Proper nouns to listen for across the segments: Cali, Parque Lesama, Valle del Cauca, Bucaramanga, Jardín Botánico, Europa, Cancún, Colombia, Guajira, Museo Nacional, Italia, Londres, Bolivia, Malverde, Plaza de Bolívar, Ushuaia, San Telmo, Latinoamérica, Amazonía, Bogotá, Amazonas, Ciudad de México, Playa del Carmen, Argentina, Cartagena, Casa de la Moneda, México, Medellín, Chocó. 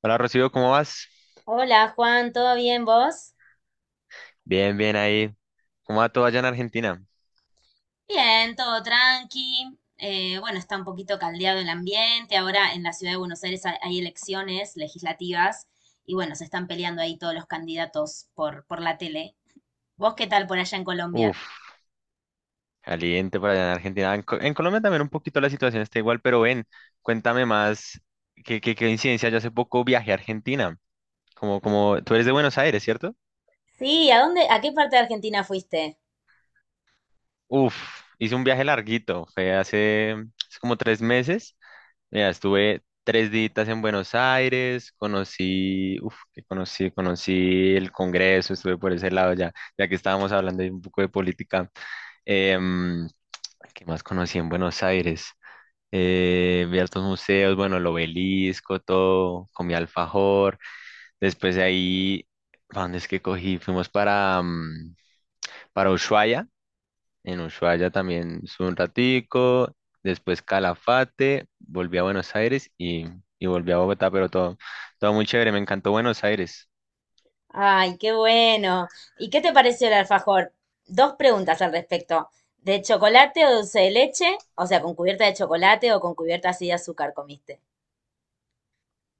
Hola Rocío, ¿cómo vas? Hola Juan, ¿todo bien vos? Bien, bien ahí. ¿Cómo va todo allá en Argentina? Bien, todo tranqui. Bueno, está un poquito caldeado el ambiente. Ahora en la ciudad de Buenos Aires hay elecciones legislativas y bueno, se están peleando ahí todos los candidatos por la tele. ¿Vos qué tal por allá en Colombia? Uf, caliente por allá en Argentina. En Colombia también un poquito la situación está igual, pero ven, cuéntame más. ¿Qué coincidencia? Yo hace poco viajé a Argentina. Como tú eres de Buenos Aires, ¿cierto? Sí, a qué parte de Argentina fuiste? Uf, hice un viaje larguito. Fue hace como 3 meses. Mira, estuve 3 días en Buenos Aires. Conocí, uf, que conocí, conocí el Congreso. Estuve por ese lado ya, ya que estábamos hablando ahí un poco de política. Em, ¿Qué más conocí en Buenos Aires? Vi altos museos, bueno, el obelisco, todo, comí alfajor. Después de ahí, ¿pa' dónde es que cogí? Fuimos para Ushuaia. En Ushuaia también estuve un ratico. Después Calafate, volví a Buenos Aires y volví a Bogotá, pero todo, todo muy chévere. Me encantó Buenos Aires. Ay, qué bueno. ¿Y qué te pareció el alfajor? Dos preguntas al respecto. ¿De chocolate o dulce de leche? O sea, ¿con cubierta de chocolate o con cubierta así de azúcar comiste?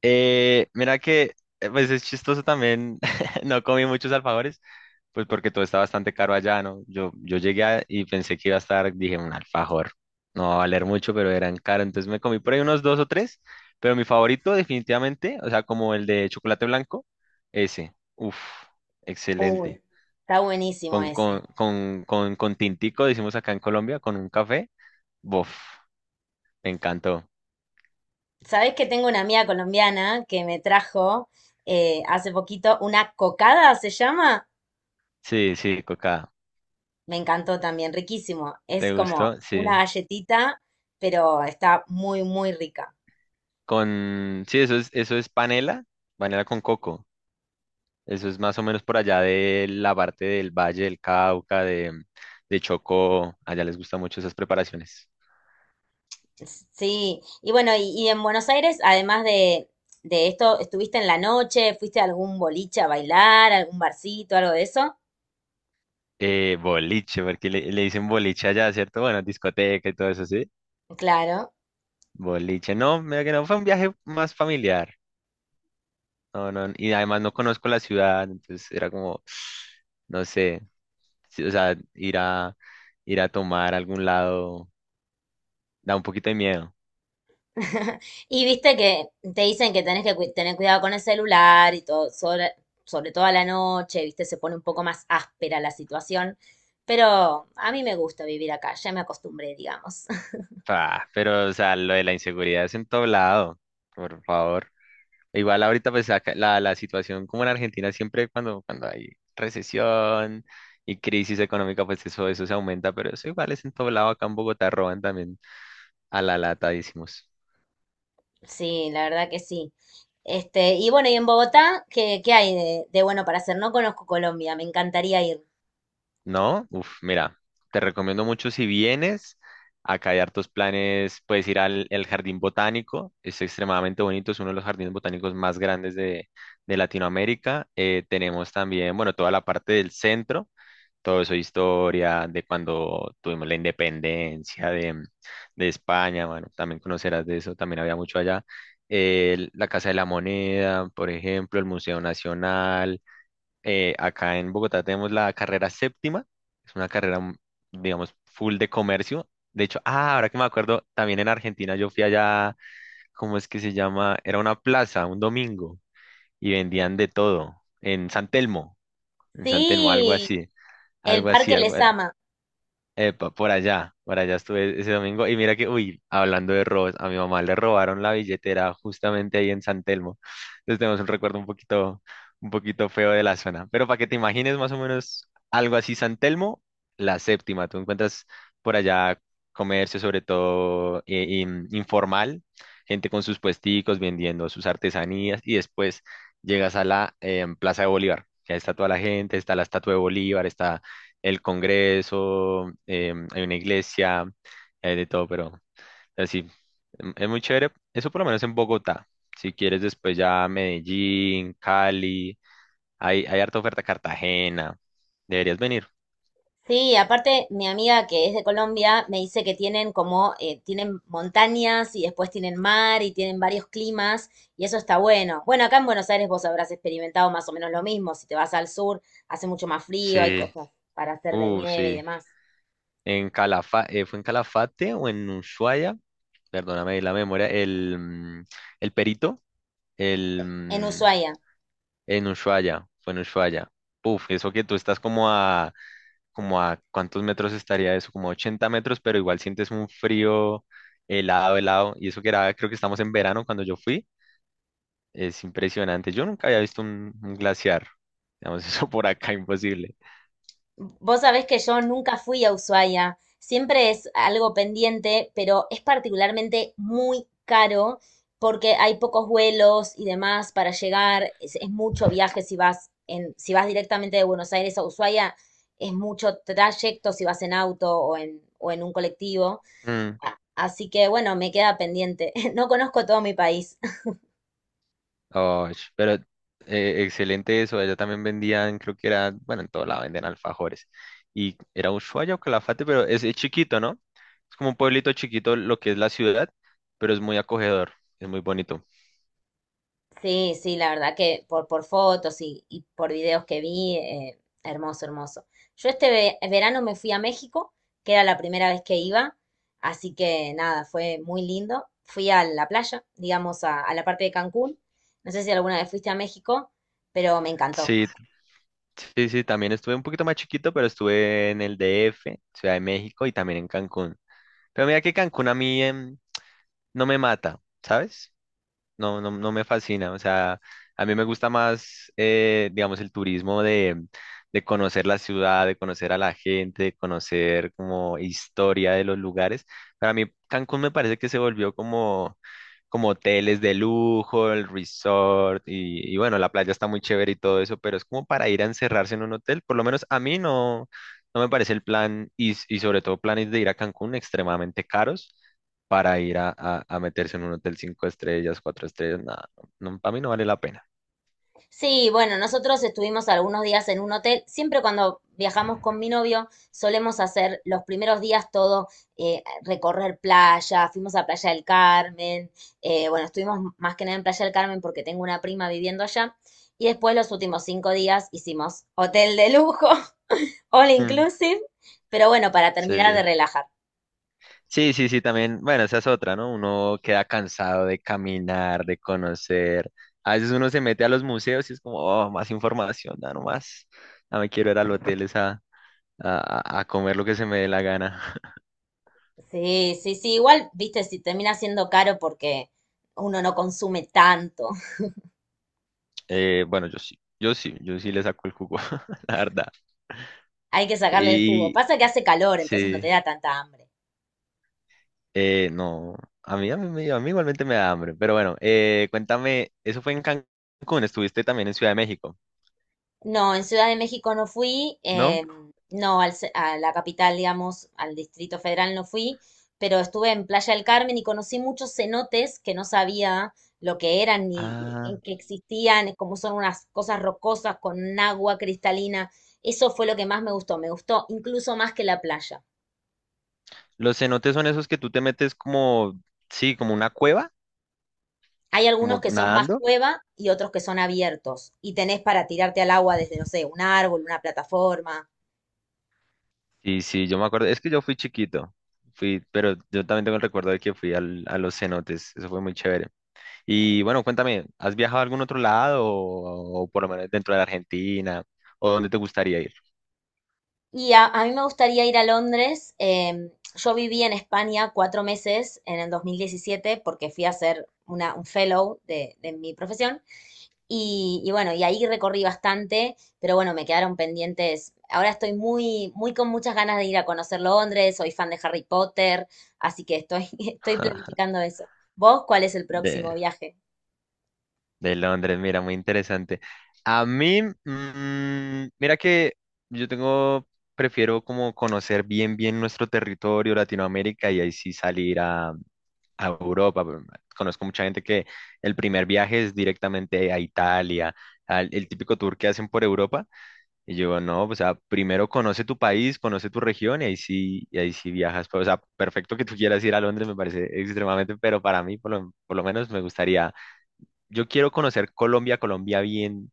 Mira que, pues es chistoso también. No comí muchos alfajores. Pues porque todo está bastante caro allá, ¿no? Yo llegué y pensé que iba a estar, dije, un alfajor. No va a valer mucho, pero eran caros. Entonces me comí por ahí unos dos o tres, pero mi favorito definitivamente, o sea, como el de chocolate blanco, ese. Uf, Uy, excelente. está buenísimo Con, con, ese. con, con, con tintico, decimos acá en Colombia, con un café. Bof, me encantó. Sabés que tengo una amiga colombiana que me trajo hace poquito una cocada, se llama. Sí, sí, coca. Me encantó también, riquísimo. Es ¿Te como gustó? una Sí. galletita, pero está muy rica. Sí, eso es, panela, panela con coco. Eso es más o menos por allá de la parte del Valle del Cauca, de Chocó. Allá les gustan mucho esas preparaciones. Sí, y bueno, y en Buenos Aires, además de esto, ¿estuviste en la noche? ¿Fuiste a algún boliche a bailar, algún barcito, algo de eso? Boliche, porque le dicen boliche allá, ¿cierto? Bueno, discoteca y todo eso, ¿sí? Claro. Boliche, no, mira que no, fue un viaje más familiar. No, no, y además no conozco la ciudad, entonces era como, no sé, sí, o sea, ir a, tomar a algún lado da un poquito de miedo. Y viste que te dicen que tenés que tener cuidado con el celular y todo, sobre todo a la noche, viste, se pone un poco más áspera la situación, pero a mí me gusta vivir acá, ya me acostumbré, digamos. Ah, pero, o sea, lo de la inseguridad es en todo lado, por favor. Igual ahorita pues acá la situación como en Argentina siempre cuando hay recesión y crisis económica pues eso se aumenta, pero eso igual es en todo lado, acá en Bogotá roban también a la lata, decimos. Sí, la verdad que sí. Este, y bueno, y en Bogotá, ¿qué hay de bueno para hacer? No conozco Colombia, me encantaría ir. ¿No? Uf, mira, te recomiendo mucho si vienes, acá hay hartos planes, puedes ir al el Jardín Botánico, es extremadamente bonito, es uno de los jardines botánicos más grandes de Latinoamérica. Tenemos también, bueno, toda la parte del centro. Todo eso, historia de cuando tuvimos la independencia de España, bueno, también conocerás de eso, también había mucho allá. La Casa de la Moneda, por ejemplo, el Museo Nacional. Acá en Bogotá tenemos la carrera séptima, es una carrera, digamos, full de comercio. De hecho, ah, ahora que me acuerdo, también en Argentina yo fui allá, ¿cómo es que se llama? Era una plaza, un domingo, y vendían de todo, en San Telmo, algo Sí, así. el Algo así, Parque algo. Lesama. Epa, por allá estuve ese domingo y mira que, uy, hablando de robos, a mi mamá le robaron la billetera justamente ahí en San Telmo. Entonces tenemos un recuerdo un poquito feo de la zona. Pero para que te imagines más o menos algo así, San Telmo, la séptima, tú encuentras por allá comercio sobre todo informal, gente con sus puesticos vendiendo sus artesanías y después llegas a la Plaza de Bolívar, que está toda la gente, está la estatua de Bolívar, está el Congreso, hay una iglesia, hay de todo, pero así, es muy chévere. Eso por lo menos en Bogotá. Si quieres después ya Medellín, Cali, hay harta oferta Cartagena. Deberías venir. Sí, aparte mi amiga que es de Colombia me dice que tienen como, tienen montañas y después tienen mar y tienen varios climas y eso está bueno. Bueno, acá en Buenos Aires vos habrás experimentado más o menos lo mismo. Si te vas al sur, hace mucho más frío, hay Sí, cosas para hacer de nieve y sí. demás. En Calafa ¿Fue en Calafate o en Ushuaia? Perdóname ahí la memoria. El Perito, el, En mm, Ushuaia. en Ushuaia, fue en Ushuaia. Uf, eso que tú estás como a cuántos metros estaría eso, como 80 metros, pero igual sientes un frío helado, helado, y eso que era, creo que estamos en verano cuando yo fui, es impresionante. Yo nunca había visto un glaciar, digamos, eso por acá imposible. Vos sabés que yo nunca fui a Ushuaia, siempre es algo pendiente, pero es particularmente muy caro porque hay pocos vuelos y demás para llegar, es mucho viaje si si vas directamente de Buenos Aires a Ushuaia, es mucho trayecto si vas en auto o en un colectivo. Mm, Así que bueno, me queda pendiente. No conozco todo mi país. oh, pero excelente eso, allá también vendían, creo que era, bueno, en todo lado venden alfajores, y era Ushuaia o Calafate, pero es chiquito, ¿no? Es como un pueblito chiquito lo que es la ciudad, pero es muy acogedor, es muy bonito. Sí, sí, la verdad que por fotos y por videos que vi, hermoso, hermoso. Yo este verano me fui a México, que era la primera vez que iba, así que nada, fue muy lindo. Fui a la playa, digamos, a la parte de Cancún. No sé si alguna vez fuiste a México, pero me encantó. Sí, sí, sí, también estuve un poquito más chiquito, pero estuve en el DF, Ciudad de México y también en Cancún. Pero mira que Cancún a mí no me mata, ¿sabes? No, no, no me fascina. O sea, a mí me gusta más, digamos, el turismo de, conocer la ciudad, de conocer a la gente, de conocer como historia de los lugares. Para mí, Cancún me parece que se volvió como hoteles de lujo, el resort, y bueno, la playa está muy chévere y todo eso, pero es como para ir a encerrarse en un hotel. Por lo menos a mí no me parece el plan, y sobre todo planes de ir a Cancún extremadamente caros para ir a meterse en un hotel cinco estrellas, cuatro estrellas, nada, no, no, para mí no vale la pena. Sí, bueno, nosotros estuvimos algunos días en un hotel. Siempre cuando viajamos con mi novio, solemos hacer los primeros días todo, recorrer playa, fuimos a Playa del Carmen, bueno, estuvimos más que nada en Playa del Carmen porque tengo una prima viviendo allá. Y después los últimos 5 días hicimos hotel de lujo, all Mm, inclusive, pero bueno, para terminar de sí, relajar. sí, sí, sí, también, bueno, esa es otra, ¿no? Uno queda cansado de caminar, de conocer. A veces uno se mete a los museos y es como, oh, más información, da nomás. No me quiero ir al hotel es a, a comer lo que se me dé la gana. Sí, sí, sí, igual, viste, si termina siendo caro porque uno no consume tanto. Bueno, yo sí, yo sí, yo sí le saco el jugo, la verdad. Hay que sacarle el jugo. Y Pasa que hace calor, entonces no te sí. da tanta hambre. No, a mí, a mí igualmente me da hambre, pero bueno, cuéntame, eso fue en Cancún, estuviste también en Ciudad de México, No, en Ciudad de México no fui, ¿no? No al a la capital, digamos, al Distrito Federal no fui, pero estuve en Playa del Carmen y conocí muchos cenotes que no sabía lo que eran ni Ah, en que existían, como son unas cosas rocosas con agua cristalina. Eso fue lo que más me gustó incluso más que la playa. los cenotes son esos que tú te metes como, sí, como una cueva, Hay algunos como que son más nadando. cueva y otros que son abiertos y tenés para tirarte al agua desde, no sé, un árbol, una plataforma. Sí, sí, yo me acuerdo, es que yo fui chiquito, fui, pero yo también tengo el recuerdo de que fui a los cenotes, eso fue muy chévere. Y bueno, cuéntame, ¿has viajado a algún otro lado o por lo menos dentro de la Argentina o dónde te gustaría ir? Y a mí me gustaría ir a Londres. Em, yo viví en España 4 meses en el 2017 porque fui a hacer un fellow de mi profesión. Y bueno, y ahí recorrí bastante, pero bueno, me quedaron pendientes. Ahora estoy muy, muy con muchas ganas de ir a conocer Londres. Soy fan de Harry Potter, así que estoy, estoy planificando eso. ¿Vos cuál es el próximo De- viaje? De Londres, mira, muy interesante. A mí, mira que yo tengo, prefiero como conocer bien, bien nuestro territorio, Latinoamérica, y ahí sí salir a, Europa. Pero conozco mucha gente que el primer viaje es directamente a Italia, el típico tour que hacen por Europa. Y yo, no, o sea, primero conoce tu país, conoce tu región, y ahí sí viajas. Pero, o sea, perfecto que tú quieras ir a Londres, me parece extremadamente, pero para mí, por lo menos, me gustaría yo quiero conocer Colombia, Colombia bien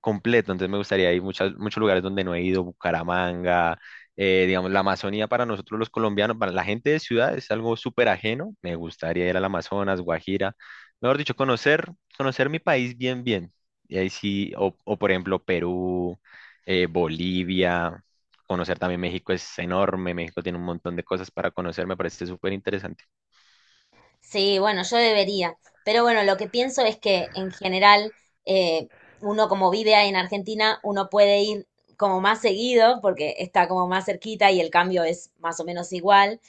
completo, entonces me gustaría ir muchos lugares donde no he ido, Bucaramanga, digamos, la Amazonía para nosotros los colombianos, para la gente de ciudad es algo súper ajeno, me gustaría ir al Amazonas, Guajira, mejor dicho, conocer, mi país bien, bien, y ahí sí, o por ejemplo Perú, Bolivia, conocer también México es enorme, México tiene un montón de cosas para conocer, me parece súper interesante. Sí, bueno, yo debería. Pero bueno, lo que pienso es que en general, eh, uno como vive en Argentina, uno puede ir como más seguido porque está como más cerquita y el cambio es más o menos igual.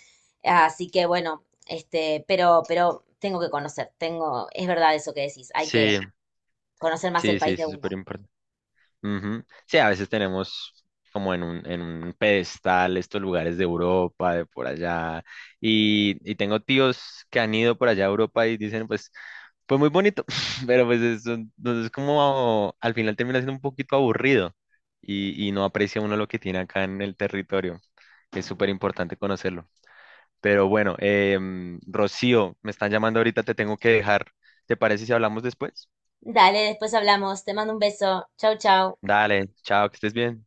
Así que bueno, este, pero tengo que conocer, tengo, es verdad eso que decís, hay que Sí, conocer más el sí, sí, país de sí, súper uno. importante. Ujú. Sí, a veces tenemos como en un pedestal estos lugares de Europa, de por allá, y tengo tíos que han ido por allá a Europa y dicen, pues, muy bonito, pero entonces como al final termina siendo un poquito aburrido y no aprecia uno lo que tiene acá en el territorio. Es súper importante conocerlo. Pero bueno, Rocío, me están llamando ahorita, te tengo que dejar. ¿Te parece si hablamos después? Dale, después hablamos, te mando un beso, chau, chau. Dale, chao, que estés bien.